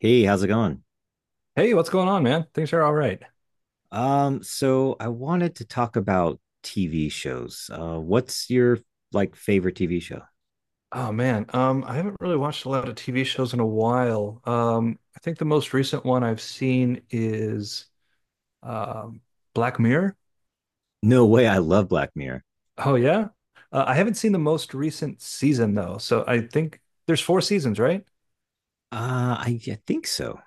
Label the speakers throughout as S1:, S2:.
S1: Hey, how's it going?
S2: Hey, what's going on, man? Things are all right.
S1: So I wanted to talk about TV shows. What's your like favorite TV show?
S2: Oh man, I haven't really watched a lot of TV shows in a while. I think the most recent one I've seen is um, Black Mirror.
S1: No way, I love Black Mirror.
S2: Oh yeah, I haven't seen the most recent season though, so I think there's four seasons, right?
S1: Uh, I think so.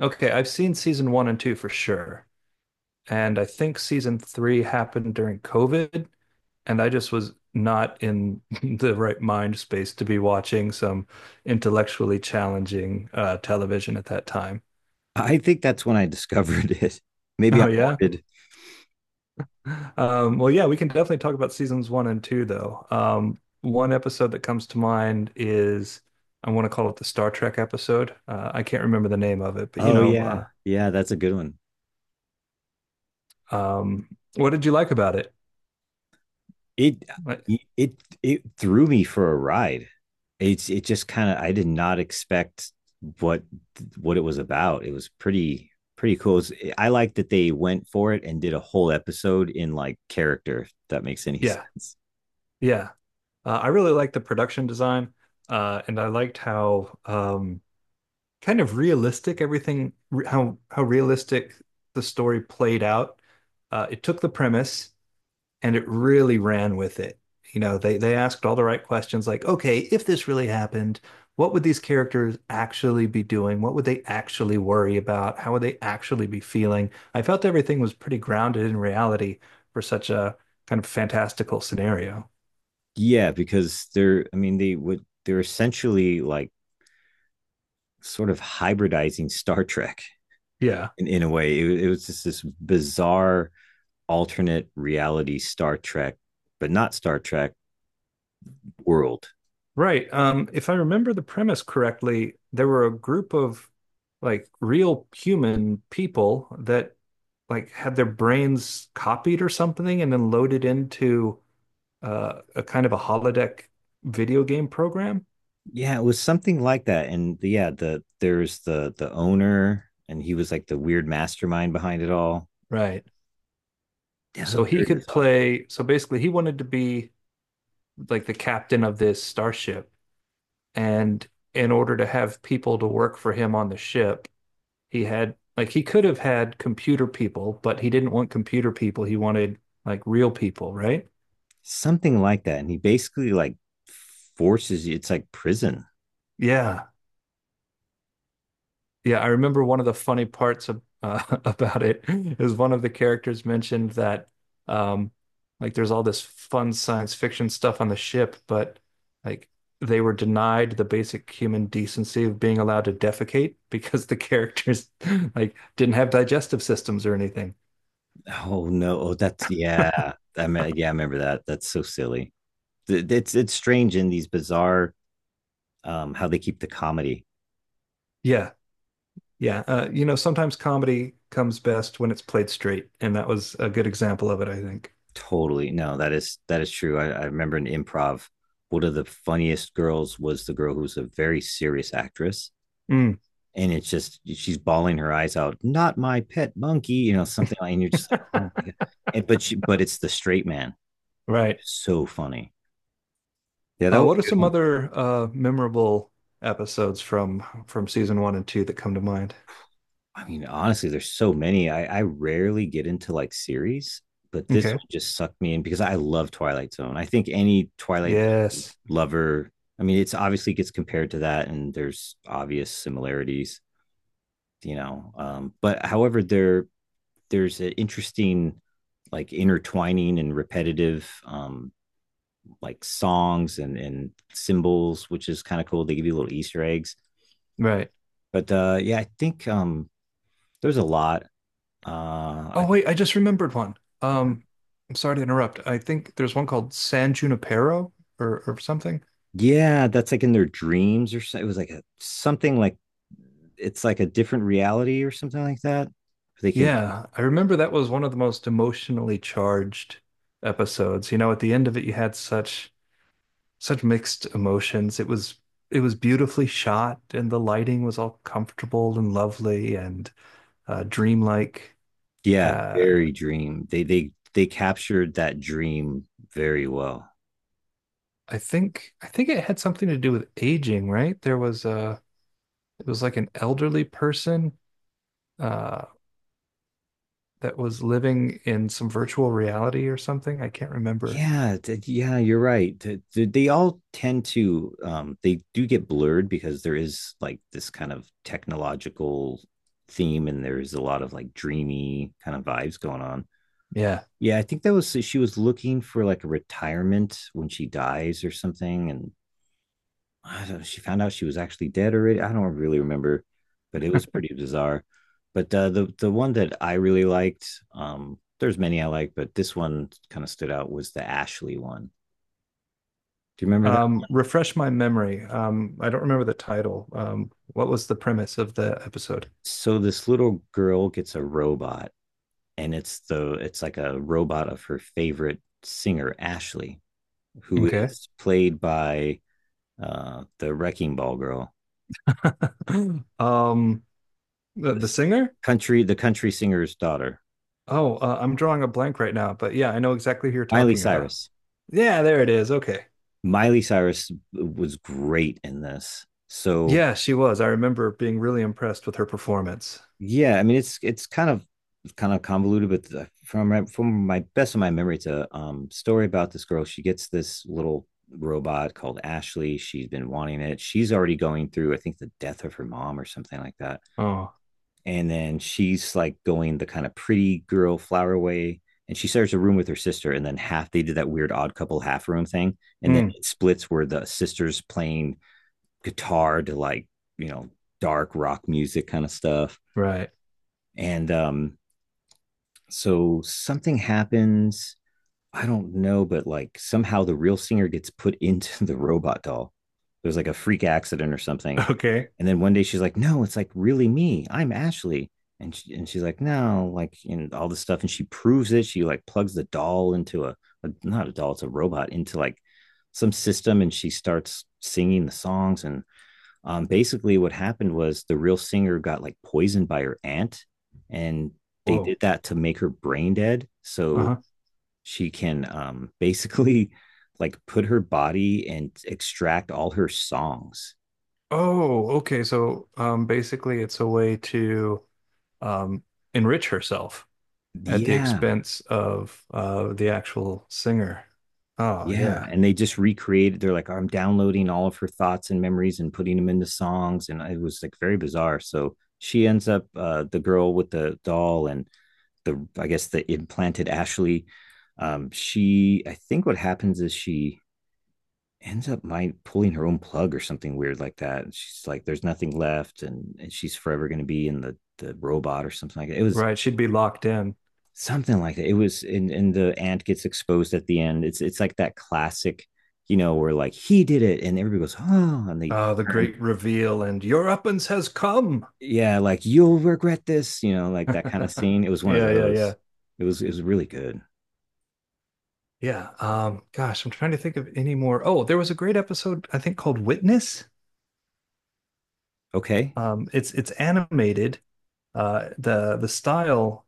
S2: Okay, I've seen season one and two for sure. And I think season three happened during COVID, and I just was not in the right mind space to be watching some intellectually challenging television at that time.
S1: I think that's when I discovered it. Maybe I'm
S2: Oh yeah.
S1: morbid.
S2: Well, yeah, we can definitely talk about seasons one and two, though. One episode that comes to mind is I want to call it the Star Trek episode. I can't remember the name of it, but
S1: Oh yeah. Yeah, that's a good one.
S2: uh, um, what did you like about it?
S1: It
S2: Ouais.
S1: it it threw me for a ride. It just kind of I did not expect what what it was about. It was pretty cool. I like that they went for it and did a whole episode in like character, if that makes any
S2: Yeah,
S1: sense.
S2: yeah. I really liked the production design, and I liked how kind of realistic everything, how realistic the story played out. It took the premise and it really ran with it. You know, they asked all the right questions like, okay, if this really happened, what would these characters actually be doing? What would they actually worry about? How would they actually be feeling? I felt everything was pretty grounded in reality for such a kind of fantastical scenario.
S1: Yeah, because they're I mean they would they're essentially like sort of hybridizing Star Trek
S2: Yeah.
S1: in a way. It was just this bizarre alternate reality Star Trek, but not Star Trek world.
S2: Right. If I remember the premise correctly, there were a group of like real human people that like had their brains copied or something and then loaded into a kind of a holodeck video game program.
S1: Yeah, it was something like that. And yeah, there's the owner, and he was like the weird mastermind behind it all.
S2: Right.
S1: Yeah, it
S2: So
S1: was
S2: he
S1: very
S2: could
S1: bizarre.
S2: play. So basically, he wanted to be like the captain of this starship. And in order to have people to work for him on the ship, he had like he could have had computer people, but he didn't want computer people. He wanted like real people, right?
S1: Something like that. And he basically like forces you. It's like prison.
S2: Yeah. Yeah, I remember one of the funny parts of about it is one of the characters mentioned that um, like there's all this fun science fiction stuff on the ship, but like they were denied the basic human decency of being allowed to defecate because the characters like didn't have digestive systems or anything.
S1: Oh no! Oh, that's yeah. I mean, yeah, I remember that. That's so silly. It's strange in these bizarre, how they keep the comedy.
S2: Yeah, yeah. You know, sometimes comedy comes best when it's played straight, and that was a good example of it, I think.
S1: Totally. No, that is true. I remember in improv, one of the funniest girls was the girl who was a very serious actress,
S2: Mm,
S1: and it's just she's bawling her eyes out, "Not my pet monkey," something like, and you're just like, oh my god. And, but she but it's the straight man.
S2: right.
S1: It's so funny. Yeah, that was
S2: What are
S1: a good
S2: some
S1: one.
S2: other memorable episodes from season one and two that come to mind?
S1: I mean, honestly, there's so many. I rarely get into like series, but this
S2: Okay.
S1: one just sucked me in because I love Twilight Zone. I think any Twilight Zone
S2: Yes.
S1: lover, I mean, it's obviously gets compared to that, and there's obvious similarities. But however, there's an interesting like intertwining and repetitive, like songs and symbols, which is kind of cool. They give you little Easter eggs.
S2: Right.
S1: But yeah, I think, there's a lot. Uh,
S2: Oh
S1: I,
S2: wait, I just remembered one. Um, I'm sorry to interrupt. I think there's one called San Junipero or something.
S1: yeah, that's like in their dreams or so. It was like a, something like it's like a different reality or something like that. They can,
S2: Yeah, I remember that was one of the most emotionally charged episodes. You know, at the end of it, you had such such mixed emotions. It was beautifully shot, and the lighting was all comfortable and lovely and dreamlike.
S1: yeah,
S2: Uh,
S1: very dream. They captured that dream very well.
S2: I think it had something to do with aging, right? There was a it was like an elderly person uh that was living in some virtual reality or something. I can't remember.
S1: Yeah, yeah, you're right. They all tend to, they do get blurred because there is like this kind of technological theme, and there's a lot of like dreamy kind of vibes going on.
S2: Yeah.
S1: Yeah, I think that was, so she was looking for like a retirement when she dies or something, and I don't know, she found out she was actually dead already. I don't really remember, but it was pretty bizarre. But the one that I really liked, there's many I like, but this one kind of stood out was the Ashley one. Do you remember that?
S2: Refresh my memory. I don't remember the title. What was the premise of the episode?
S1: So this little girl gets a robot, and it's like a robot of her favorite singer, Ashley, who
S2: Okay.
S1: is played by, the Wrecking Ball girl,
S2: Um the
S1: this
S2: singer?
S1: country the country singer's daughter,
S2: Oh, I'm drawing a blank right now, but yeah, I know exactly who you're
S1: Miley
S2: talking about.
S1: Cyrus.
S2: Yeah, there it is. Okay.
S1: Miley Cyrus was great in this. So,
S2: Yeah, she was. I remember being really impressed with her performance.
S1: yeah, I mean, it's kind of convoluted, but from my best of my memory, it's a, story about this girl. She gets this little robot called Ashley. She's been wanting it. She's already going through, I think, the death of her mom or something like that.
S2: Oh,
S1: And then she's like going the kind of pretty girl flower way. And she shares a room with her sister, and then half they did that weird odd couple half room thing, and then
S2: mm,
S1: it splits where the sister's playing guitar to like, you know dark rock music kind of stuff,
S2: right.
S1: and so something happens. I don't know, but like somehow the real singer gets put into the robot doll. There's like a freak accident or something.
S2: Okay.
S1: And then one day she's like, no, it's like really me. I'm Ashley. And she's like, no, like, and all this stuff. And she proves it. She like plugs the doll into a not a doll, it's a robot, into like some system. And she starts singing the songs. And, basically what happened was the real singer got like poisoned by her aunt, and they
S2: Whoa.
S1: did that to make her brain dead so
S2: Uh-huh.
S1: she can, basically like put her body and extract all her songs.
S2: Oh, okay. So, basically, it's a way to um, enrich herself at the
S1: Yeah,
S2: expense of the actual singer. Oh,
S1: yeah,
S2: yeah.
S1: and they just recreated. They're like, I'm downloading all of her thoughts and memories and putting them into songs, and it was like very bizarre. So she ends up, the girl with the doll and the I guess the implanted Ashley. She I think what happens is she ends up my pulling her own plug or something weird like that. And she's like, there's nothing left, and she's forever gonna be in the robot or something like that. It was
S2: Right. She'd be locked in.
S1: something like that. It was and the ant gets exposed at the end. It's like that classic, you know, where like he did it and everybody goes, "Oh," and they
S2: The great
S1: turn,
S2: reveal and your uppance has come.
S1: yeah, like, "You'll regret this," you know, like that kind of scene. It was one of
S2: Yeah, yeah, yeah.
S1: those. It was really good.
S2: Yeah. Gosh, I'm trying to think of any more. Oh, there was a great episode, I think, called Witness.
S1: Okay.
S2: It's it's animated. The style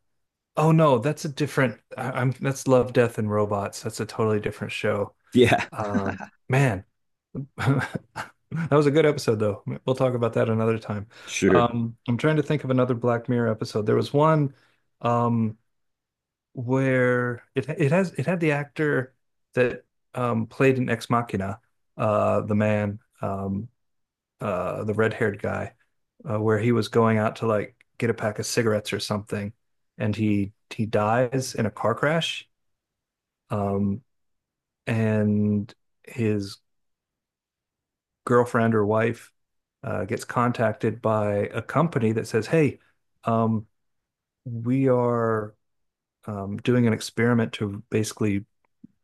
S2: Oh no, that's a different. I, I'm That's Love, Death, and Robots. That's a totally different show.
S1: Yeah.
S2: Um, man, that was a good episode though. We'll talk about that another time.
S1: Sure.
S2: I'm trying to think of another Black Mirror episode. There was one um, where it had the actor that played in Ex Machina, the man. The red-haired guy, where he was going out to like get a pack of cigarettes or something, and he dies in a car crash, um, and his girlfriend or wife gets contacted by a company that says, "Hey, um, we are doing an experiment to basically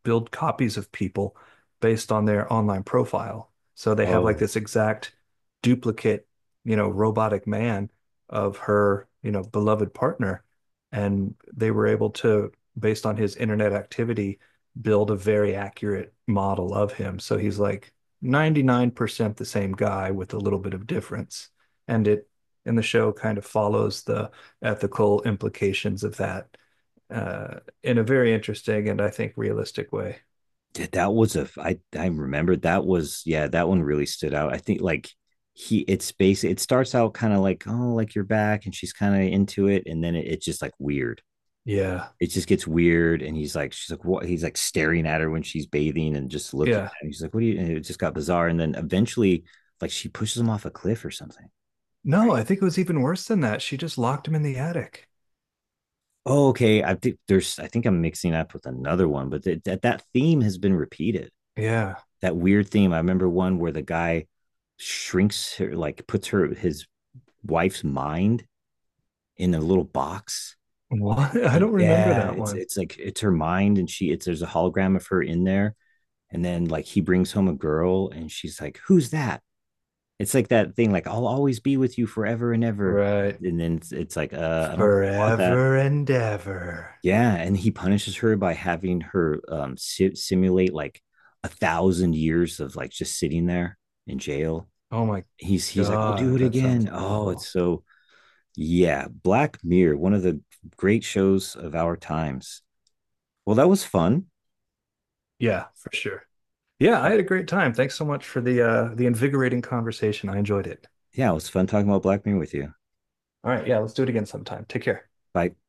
S2: build copies of people based on their online profile." So they have like this
S1: Oh,
S2: exact duplicate, you know, robotic man of her, you know, beloved partner. And they were able to, based on his internet activity, build a very accurate model of him. So he's like 99% the same guy with a little bit of difference. And it in the show kind of follows the ethical implications of that uh, in a very interesting and I think realistic way.
S1: dude, that was a I remember that was, yeah, that one really stood out. I think like he it's basic it starts out kind of like, oh, like you're back, and she's kind of into it, and then it's just like weird.
S2: Yeah.
S1: It just gets weird, and she's like, what? He's like staring at her when she's bathing and just looking
S2: Yeah.
S1: at him. She's like, what do you? And it just got bizarre, and then eventually, like, she pushes him off a cliff or something,
S2: No,
S1: right?
S2: I think it was even worse than that. She just locked him in the attic.
S1: Oh, okay. I think I'm mixing up with another one, but that theme has been repeated,
S2: Yeah.
S1: that weird theme. I remember one where the guy shrinks her, like puts her his wife's mind in a little box.
S2: What? I don't remember
S1: Yeah,
S2: that
S1: it's
S2: one.
S1: it's like it's her mind, and she it's there's a hologram of her in there, and then like he brings home a girl, and she's like, "Who's that?" It's like that thing, like, "I'll always be with you forever and ever,"
S2: Right.
S1: and then it's like, I don't think you want that.
S2: Forever and ever.
S1: Yeah, and he punishes her by having her, si simulate like 1,000 years of like just sitting there in jail.
S2: Oh my
S1: He's like, "I'll do
S2: God,
S1: it
S2: that sounds
S1: again." Oh, it's
S2: awful.
S1: so... yeah. Black Mirror, one of the great shows of our times. Well, that was fun.
S2: Yeah, for sure. Yeah,
S1: Uh,
S2: I had a great time. Thanks so much for the invigorating conversation. I enjoyed it.
S1: Yeah, it was fun talking about Black Mirror with you.
S2: All right, yeah, let's do it again sometime. Take care.
S1: Bye.